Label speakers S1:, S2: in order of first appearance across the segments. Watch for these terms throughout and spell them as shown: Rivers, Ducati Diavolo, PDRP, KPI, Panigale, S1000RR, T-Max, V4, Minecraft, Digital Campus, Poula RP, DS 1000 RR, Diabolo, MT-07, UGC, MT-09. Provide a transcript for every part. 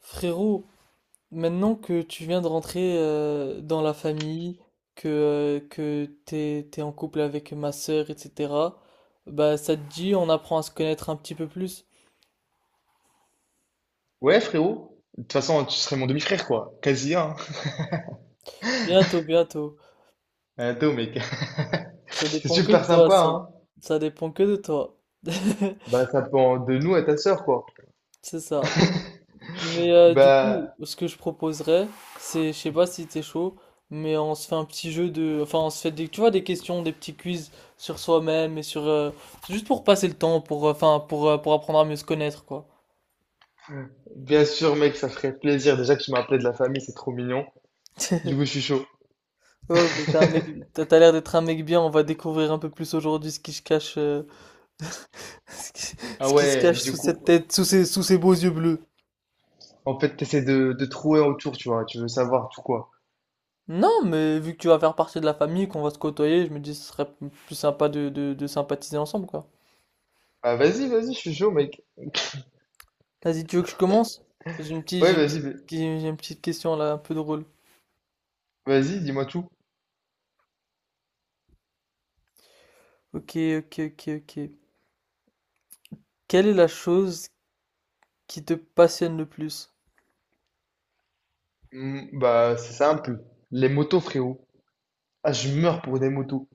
S1: Frérot, maintenant que tu viens de rentrer dans la famille, que t'es en couple avec ma sœur, etc., bah ça te dit, on apprend à se connaître un petit peu plus.
S2: Ouais, frérot. De toute façon, tu serais mon demi-frère, quoi. Quasi, hein.
S1: Bientôt, bientôt.
S2: Attends, mec.
S1: Ça
S2: C'est
S1: dépend que de
S2: super
S1: toi,
S2: sympa,
S1: ça.
S2: hein.
S1: Ça dépend que de toi.
S2: Bah, ça dépend de nous à ta sœur, quoi.
S1: C'est ça. Mais du coup,
S2: Bah,
S1: ce que je proposerais, c'est, je sais pas si t'es chaud, mais on se fait un petit jeu de, enfin, on se fait des, tu vois, des questions, des petits quiz sur soi-même et juste pour passer le temps, enfin, pour apprendre à mieux se connaître, quoi.
S2: bien sûr, mec, ça ferait plaisir. Déjà que tu m'as appelé de la famille, c'est trop mignon. Du coup, je suis chaud.
S1: Ouais, mais t'es un mec, t'as l'air d'être un mec bien. On va découvrir un peu plus aujourd'hui ce qui se cache, ce qui,
S2: Ah
S1: ce qui se
S2: ouais,
S1: cache sous
S2: du coup.
S1: cette tête, sous ces beaux yeux bleus.
S2: En fait, t'essaies de trouver autour, tu vois. Tu veux savoir tout quoi.
S1: Non, mais vu que tu vas faire partie de la famille, qu'on va se côtoyer, je me dis ce serait plus sympa de sympathiser ensemble, quoi.
S2: Ah vas-y, vas-y, je suis chaud, mec.
S1: Vas-y, tu veux que je commence? J'ai une petite,
S2: Ouais,
S1: j'ai une
S2: vas-y,
S1: petite, j'ai une petite question là, un peu drôle.
S2: vas-y, dis-moi tout.
S1: Ok, ok, ok, ok. Quelle est la chose qui te passionne le plus?
S2: Hmm, bah, c'est simple. Les motos, frérot. Ah, je meurs pour des motos.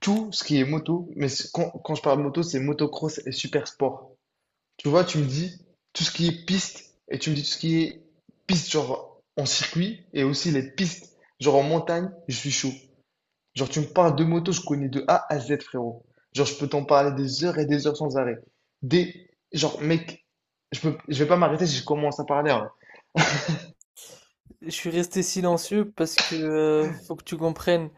S2: Tout ce qui est moto, mais quand, quand je parle moto, c'est motocross et super sport. Tu vois, tu me dis tout ce qui est piste et tu me dis tout ce qui est piste, genre en circuit et aussi les pistes, genre en montagne, je suis chaud. Genre, tu me parles de moto, je connais de A à Z, frérot. Genre, je peux t'en parler des heures et des heures sans arrêt. Des, genre, mec, je peux, je vais pas m'arrêter si je commence à parler, hein.
S1: Je suis resté silencieux parce que faut que tu comprennes,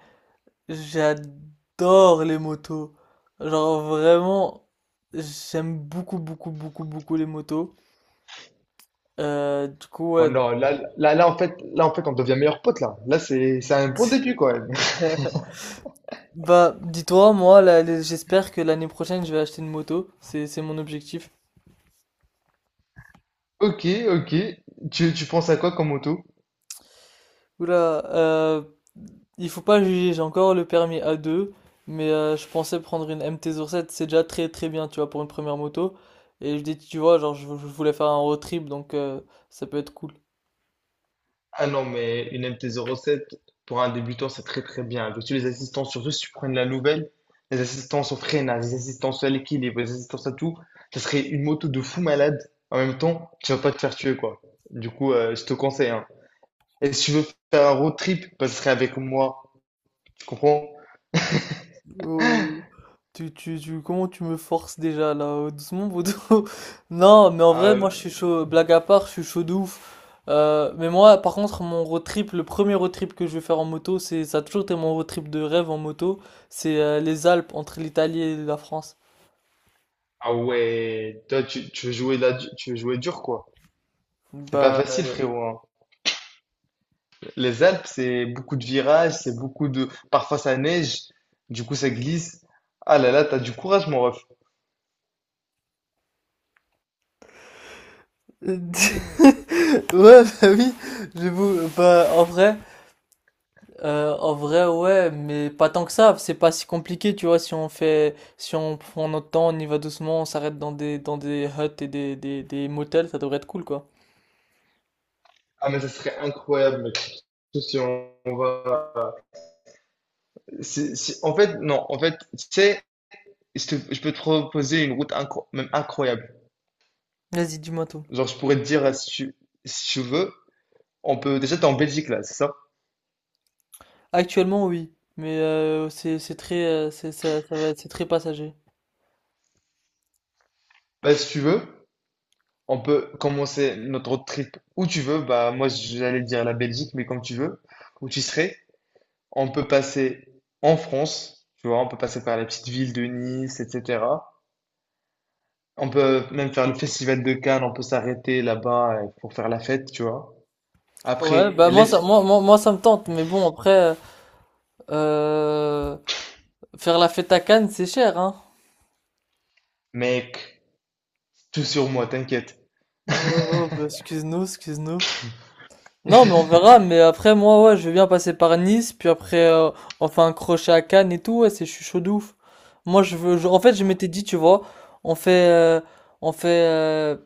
S1: j'adore les motos. Genre vraiment, j'aime beaucoup, beaucoup, beaucoup, beaucoup les motos. Du coup,
S2: Oh
S1: ouais.
S2: non, là, là, là, en fait, on devient meilleurs potes là. Là, c'est un bon début, quand même.
S1: Bah, dis-toi, moi, là, j'espère que l'année prochaine, je vais acheter une moto. C'est mon objectif.
S2: Ok, ok. Tu penses à quoi comme moto?
S1: Oula, il faut pas juger, j'ai encore le permis A2, mais je pensais prendre une MT-07, c'est déjà très très bien, tu vois, pour une première moto. Et je dis, tu vois, genre, je voulais faire un road trip, donc ça peut être cool.
S2: Ah non, mais une MT-07, pour un débutant, c'est très très bien. Parce que les assistants, surtout si tu prends de la nouvelle, les assistances au freinage, les assistances à l'équilibre, les assistances à tout, ça serait une moto de fou malade. En même temps, tu vas pas te faire tuer, quoi. Du coup, je te conseille, hein. Et si tu veux faire un road trip, bah, ce serait avec moi. Tu comprends?
S1: Oh, comment tu me forces déjà là, doucement, Bodo? Non, mais en vrai,
S2: Ah,
S1: moi je suis chaud, blague à part, je suis chaud de ouf. Mais moi, par contre, mon road trip, le premier road trip que je vais faire en moto, c'est, ça a toujours été mon road trip de rêve en moto, c'est les Alpes entre l'Italie et la France.
S2: ah ouais, toi, tu veux jouer là, tu veux jouer dur, quoi. C'est pas
S1: Bah,
S2: facile, frérot, hein. Les Alpes, c'est beaucoup de virages, c'est beaucoup de... Parfois ça neige, du coup ça glisse. Ah là là, t'as du courage, mon ref.
S1: ouais, bah oui, j'avoue, bah, en vrai, ouais, mais pas tant que ça, c'est pas si compliqué, tu vois, si on fait, si on prend notre temps, on y va doucement, on s'arrête dans des, des motels, ça devrait être cool, quoi.
S2: Ah, mais ça serait incroyable, mec. Surtout si on va. En fait, non, en fait, tu sais, je peux te proposer une route même incroyable.
S1: Vas-y, dis-moi tout.
S2: Genre, je pourrais te dire, si tu, si tu veux, on peut, déjà, t'es en Belgique, là, c'est ça?
S1: Actuellement, oui, mais c'est très, c'est, ça va, c'est très passager.
S2: Bah, si tu veux, on peut commencer notre road trip où tu veux. Bah, moi, j'allais dire la Belgique, mais comme tu veux, où tu serais. On peut passer en France, tu vois, on peut passer par la petite ville de Nice, etc. On peut même faire le festival de Cannes, on peut s'arrêter là-bas pour faire la fête, tu vois.
S1: Ouais,
S2: Après,
S1: bah, moi, ça,
S2: laisse,
S1: moi, ça me tente, mais bon, après, euh, faire la fête à Cannes, c'est cher, hein.
S2: mec, tout sur moi, t'inquiète.
S1: Oh, oh, oh, bah, excuse-nous, excuse-nous. Non, mais on verra. Mais après, moi, ouais, je vais bien passer par Nice. Puis après, on fait un crochet à Cannes et tout. Ouais, c'est, je suis chaud de ouf. Moi, je veux. En fait, je m'étais dit, tu vois, on fait. On fait.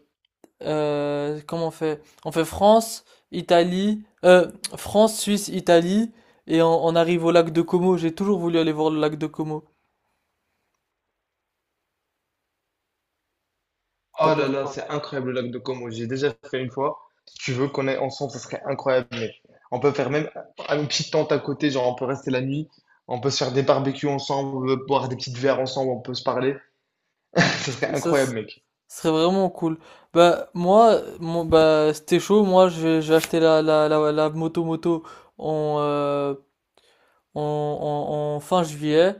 S1: Comment on fait? On fait France, Italie. France, Suisse, Italie. Et on arrive au lac de Como. J'ai toujours voulu aller voir le lac de Como. T'en
S2: Oh là
S1: penses
S2: là,
S1: quoi?
S2: c'est incroyable le lac de Como, j'ai déjà fait une fois. Si tu veux qu'on aille ensemble, ça serait incroyable. On peut faire même une petite tente à côté, genre on peut rester la nuit, on peut se faire des barbecues ensemble, boire des petites verres ensemble, on peut se parler. Ça serait
S1: Ça, ça, Ce
S2: incroyable, mec.
S1: serait vraiment cool. Bah, bah, c'était chaud. Moi, je vais acheter la moto en, euh, en fin juillet.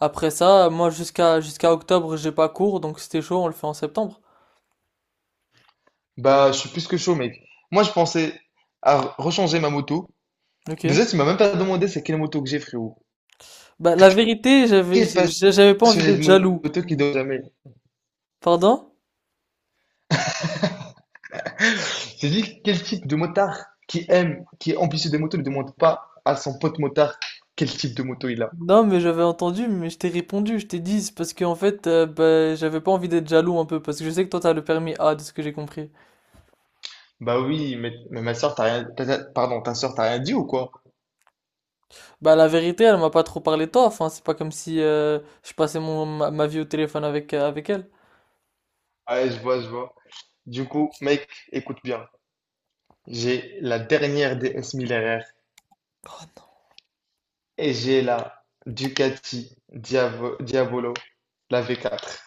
S1: Après ça, moi, jusqu'à octobre, j'ai pas cours. Donc, c'était chaud, on le fait en septembre.
S2: Bah, je suis plus que chaud, mec. Moi, je pensais à rechanger ma moto.
S1: Ok.
S2: Déjà, tu m'as même pas demandé c'est quelle moto que j'ai, frérot.
S1: Bah, la vérité,
S2: Quel
S1: j'avais pas envie
S2: passionné de
S1: d'être jaloux.
S2: moto qui donne jamais.
S1: Pardon?
S2: J'ai dit, quel type de motard qui aime, qui est ambitieux des motos, ne demande pas à son pote motard quel type de moto il a.
S1: Non, mais j'avais entendu, mais je t'ai répondu, je t'ai dit. C'est parce qu'en fait, bah, j'avais pas envie d'être jaloux un peu. Parce que je sais que toi, t'as le permis A, de ce que j'ai compris.
S2: Bah oui, mais ma soeur, t'as rien, pardon, ta soeur, t'as rien dit ou quoi?
S1: Bah la vérité, elle m'a pas trop parlé taf, hein. C'est pas comme si je passais ma vie au téléphone avec, avec elle.
S2: Ouais, je vois, je vois. Du coup, mec, écoute bien. J'ai la dernière DS 1000 RR et j'ai la Ducati Diavolo, la V4.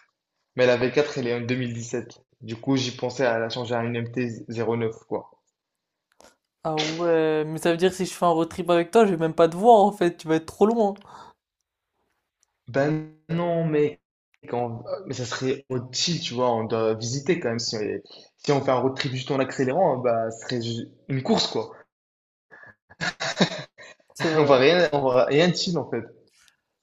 S2: Mais la V4, elle est en 2017. Du coup, j'y pensais à la changer à une MT-09, quoi.
S1: Ah ouais, mais ça veut dire que si je fais un road trip avec toi, je vais même pas te voir en fait, tu vas être trop loin.
S2: Ben non, mais, quand... mais ça serait utile, tu vois. On doit visiter quand même. Si, on, si on fait un road trip juste en accélérant, bah, ce serait une course, quoi.
S1: C'est vrai,
S2: On va rien chill, en fait.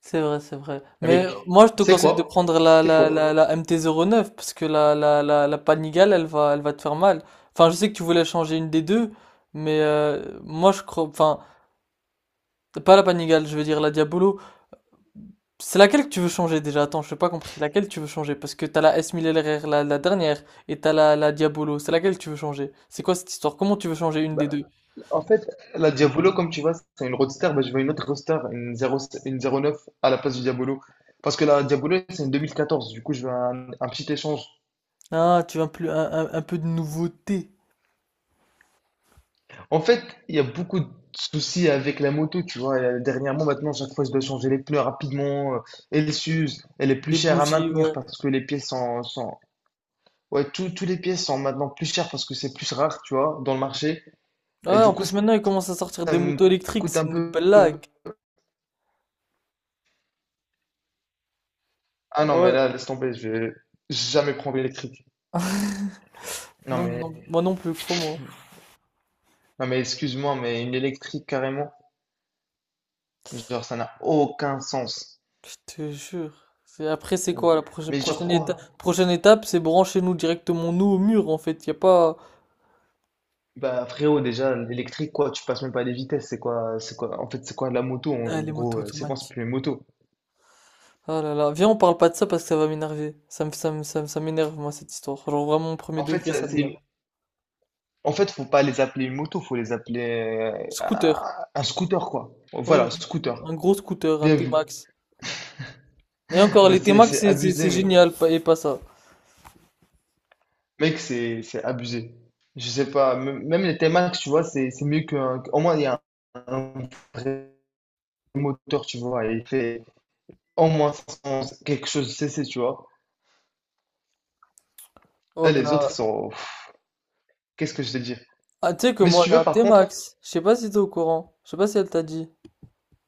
S1: c'est vrai.
S2: Mais
S1: Mais
S2: mec,
S1: moi je te
S2: c'est
S1: conseille de
S2: quoi?
S1: prendre la,
S2: C'est
S1: la,
S2: quoi?
S1: la, la MT-09 parce que la Panigale, elle va te faire mal. Enfin, je sais que tu voulais changer une des deux, mais moi je crois, enfin, pas la Panigale, je veux dire la Diabolo. C'est laquelle que tu veux changer déjà? Attends, je n'ai pas compris. Laquelle tu veux changer? Parce que t'as la S1000RR, la dernière, et t'as la Diabolo. C'est laquelle que tu veux changer? C'est quoi cette histoire? Comment tu veux changer une
S2: Bah,
S1: des deux?
S2: en fait, la Diabolo, comme tu vois, c'est une roadster. Bah, je veux une autre roadster, une 0, une 09 à la place du Diabolo. Parce que la Diabolo, c'est une 2014. Du coup, je veux un petit échange.
S1: Ah, tu veux un, plus, un, un peu de nouveauté.
S2: En fait, il y a beaucoup de soucis avec la moto, tu vois. Dernièrement, maintenant, chaque fois, je dois changer les pneus rapidement. Elle s'use. Elle est plus
S1: Des
S2: chère à
S1: bougies,
S2: maintenir
S1: ouais.
S2: parce que les pièces sont... Ouais, tous les pièces sont maintenant plus chères parce que c'est plus rare, tu vois, dans le marché. Et
S1: Ouais,
S2: du
S1: en
S2: coup,
S1: plus maintenant ils commencent à sortir
S2: ça
S1: des
S2: me
S1: motos électriques,
S2: coûte
S1: c'est
S2: un
S1: une
S2: peu...
S1: blague.
S2: Ah non, mais
S1: Ouais,
S2: là, laisse tomber, je vais jamais prendre l'électrique. Non,
S1: non,
S2: mais,
S1: non, moi non plus, crois-moi.
S2: non, mais excuse-moi, mais une électrique, carrément, genre, ça n'a aucun sens.
S1: Je te jure. Après, c'est
S2: Euh,
S1: quoi
S2: Mais genre
S1: prochaine étape?
S2: quoi?
S1: Prochaine étape, c'est brancher nous directement nous au mur en fait. Y a pas.
S2: Bah frérot, déjà l'électrique quoi, tu passes même pas les vitesses, c'est quoi, en fait c'est quoi la moto en
S1: Ah, les
S2: gros,
S1: motos
S2: c'est quoi, c'est
S1: automatiques.
S2: plus une moto.
S1: Ah là là, viens, on parle pas de ça parce que ça va m'énerver. Ça m'énerve, moi, cette histoire. Genre, vraiment, au premier
S2: En fait
S1: degré, ça
S2: ça, c'est,
S1: m'énerve.
S2: en fait faut pas les appeler une moto, faut les appeler euh,
S1: Scooter.
S2: un scooter quoi.
S1: Ouais,
S2: Voilà, scooter.
S1: un gros scooter, un
S2: Bien vu.
S1: T-Max. Et encore,
S2: Bah
S1: les T-Max,
S2: c'est
S1: c'est
S2: abusé mec,
S1: génial, et pas ça.
S2: mec c'est abusé. Je sais pas, même les T-Max tu vois, c'est mieux qu'un, au moins il y a un, un vrai moteur tu vois, et il fait au moins 500, quelque chose CC tu vois.
S1: Oh
S2: Là les autres
S1: bah.
S2: sont, pff, qu'est-ce que je te dis.
S1: Ah, tu sais que
S2: Mais si
S1: moi,
S2: tu
S1: j'ai
S2: veux,
S1: un
S2: par contre.
S1: T-Max. Je sais pas si t'es au courant. Je sais pas si elle t'a dit.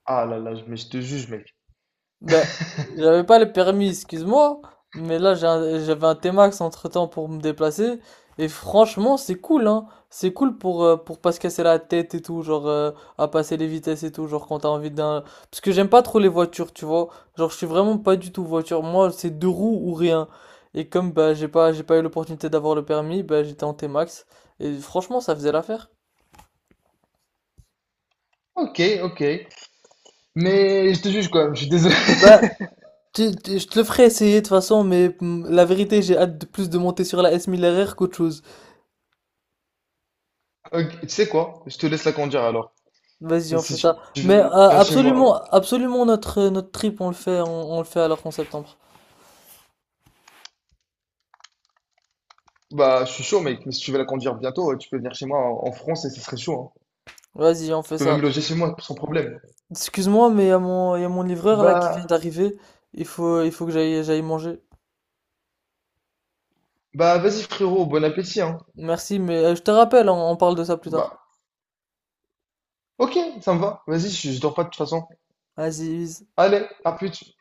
S2: Ah là là, mais je te juge, mec.
S1: Ben j'avais pas le permis, excuse-moi, mais j'avais un T-Max entre-temps pour me déplacer, et franchement c'est cool, hein. C'est cool pour pas se casser la tête et tout, genre à passer les vitesses et tout, genre quand t'as envie d'un... Parce que j'aime pas trop les voitures, tu vois. Genre je suis vraiment pas du tout voiture, moi c'est deux roues ou rien. Et comme bah j'ai pas eu l'opportunité d'avoir le permis, bah j'étais en T-Max, et franchement ça faisait l'affaire.
S2: Ok, ok. Mais je te juge quand même, je suis désolé.
S1: Bah, je te le ferai essayer de toute façon, mais mm, la vérité j'ai hâte de plus de monter sur la S1000RR qu'autre chose.
S2: Ok, tu sais quoi? Je te laisse la conduire alors.
S1: Vas-y,
S2: Mais
S1: on fait
S2: si
S1: ça.
S2: tu
S1: Mais
S2: viens chez
S1: absolument,
S2: moi,
S1: absolument notre notre trip, on le fait, on le fait alors qu'en septembre.
S2: bah je suis chaud, mec. Mais si tu veux la conduire bientôt, tu peux venir chez moi en France et ce serait chaud, hein.
S1: Vas-y, on
S2: Tu
S1: fait
S2: peux
S1: ça.
S2: même loger chez moi sans problème.
S1: Excuse-moi, mais il y a mon livreur là qui vient
S2: Bah,
S1: d'arriver. Il faut que j'aille manger.
S2: bah vas-y, frérot, bon appétit, hein.
S1: Merci, mais je te rappelle, on parle de ça plus tard.
S2: Bah, ok, ça me va. Vas-y, je dors pas de toute façon.
S1: Vas-y,
S2: Allez, à plus.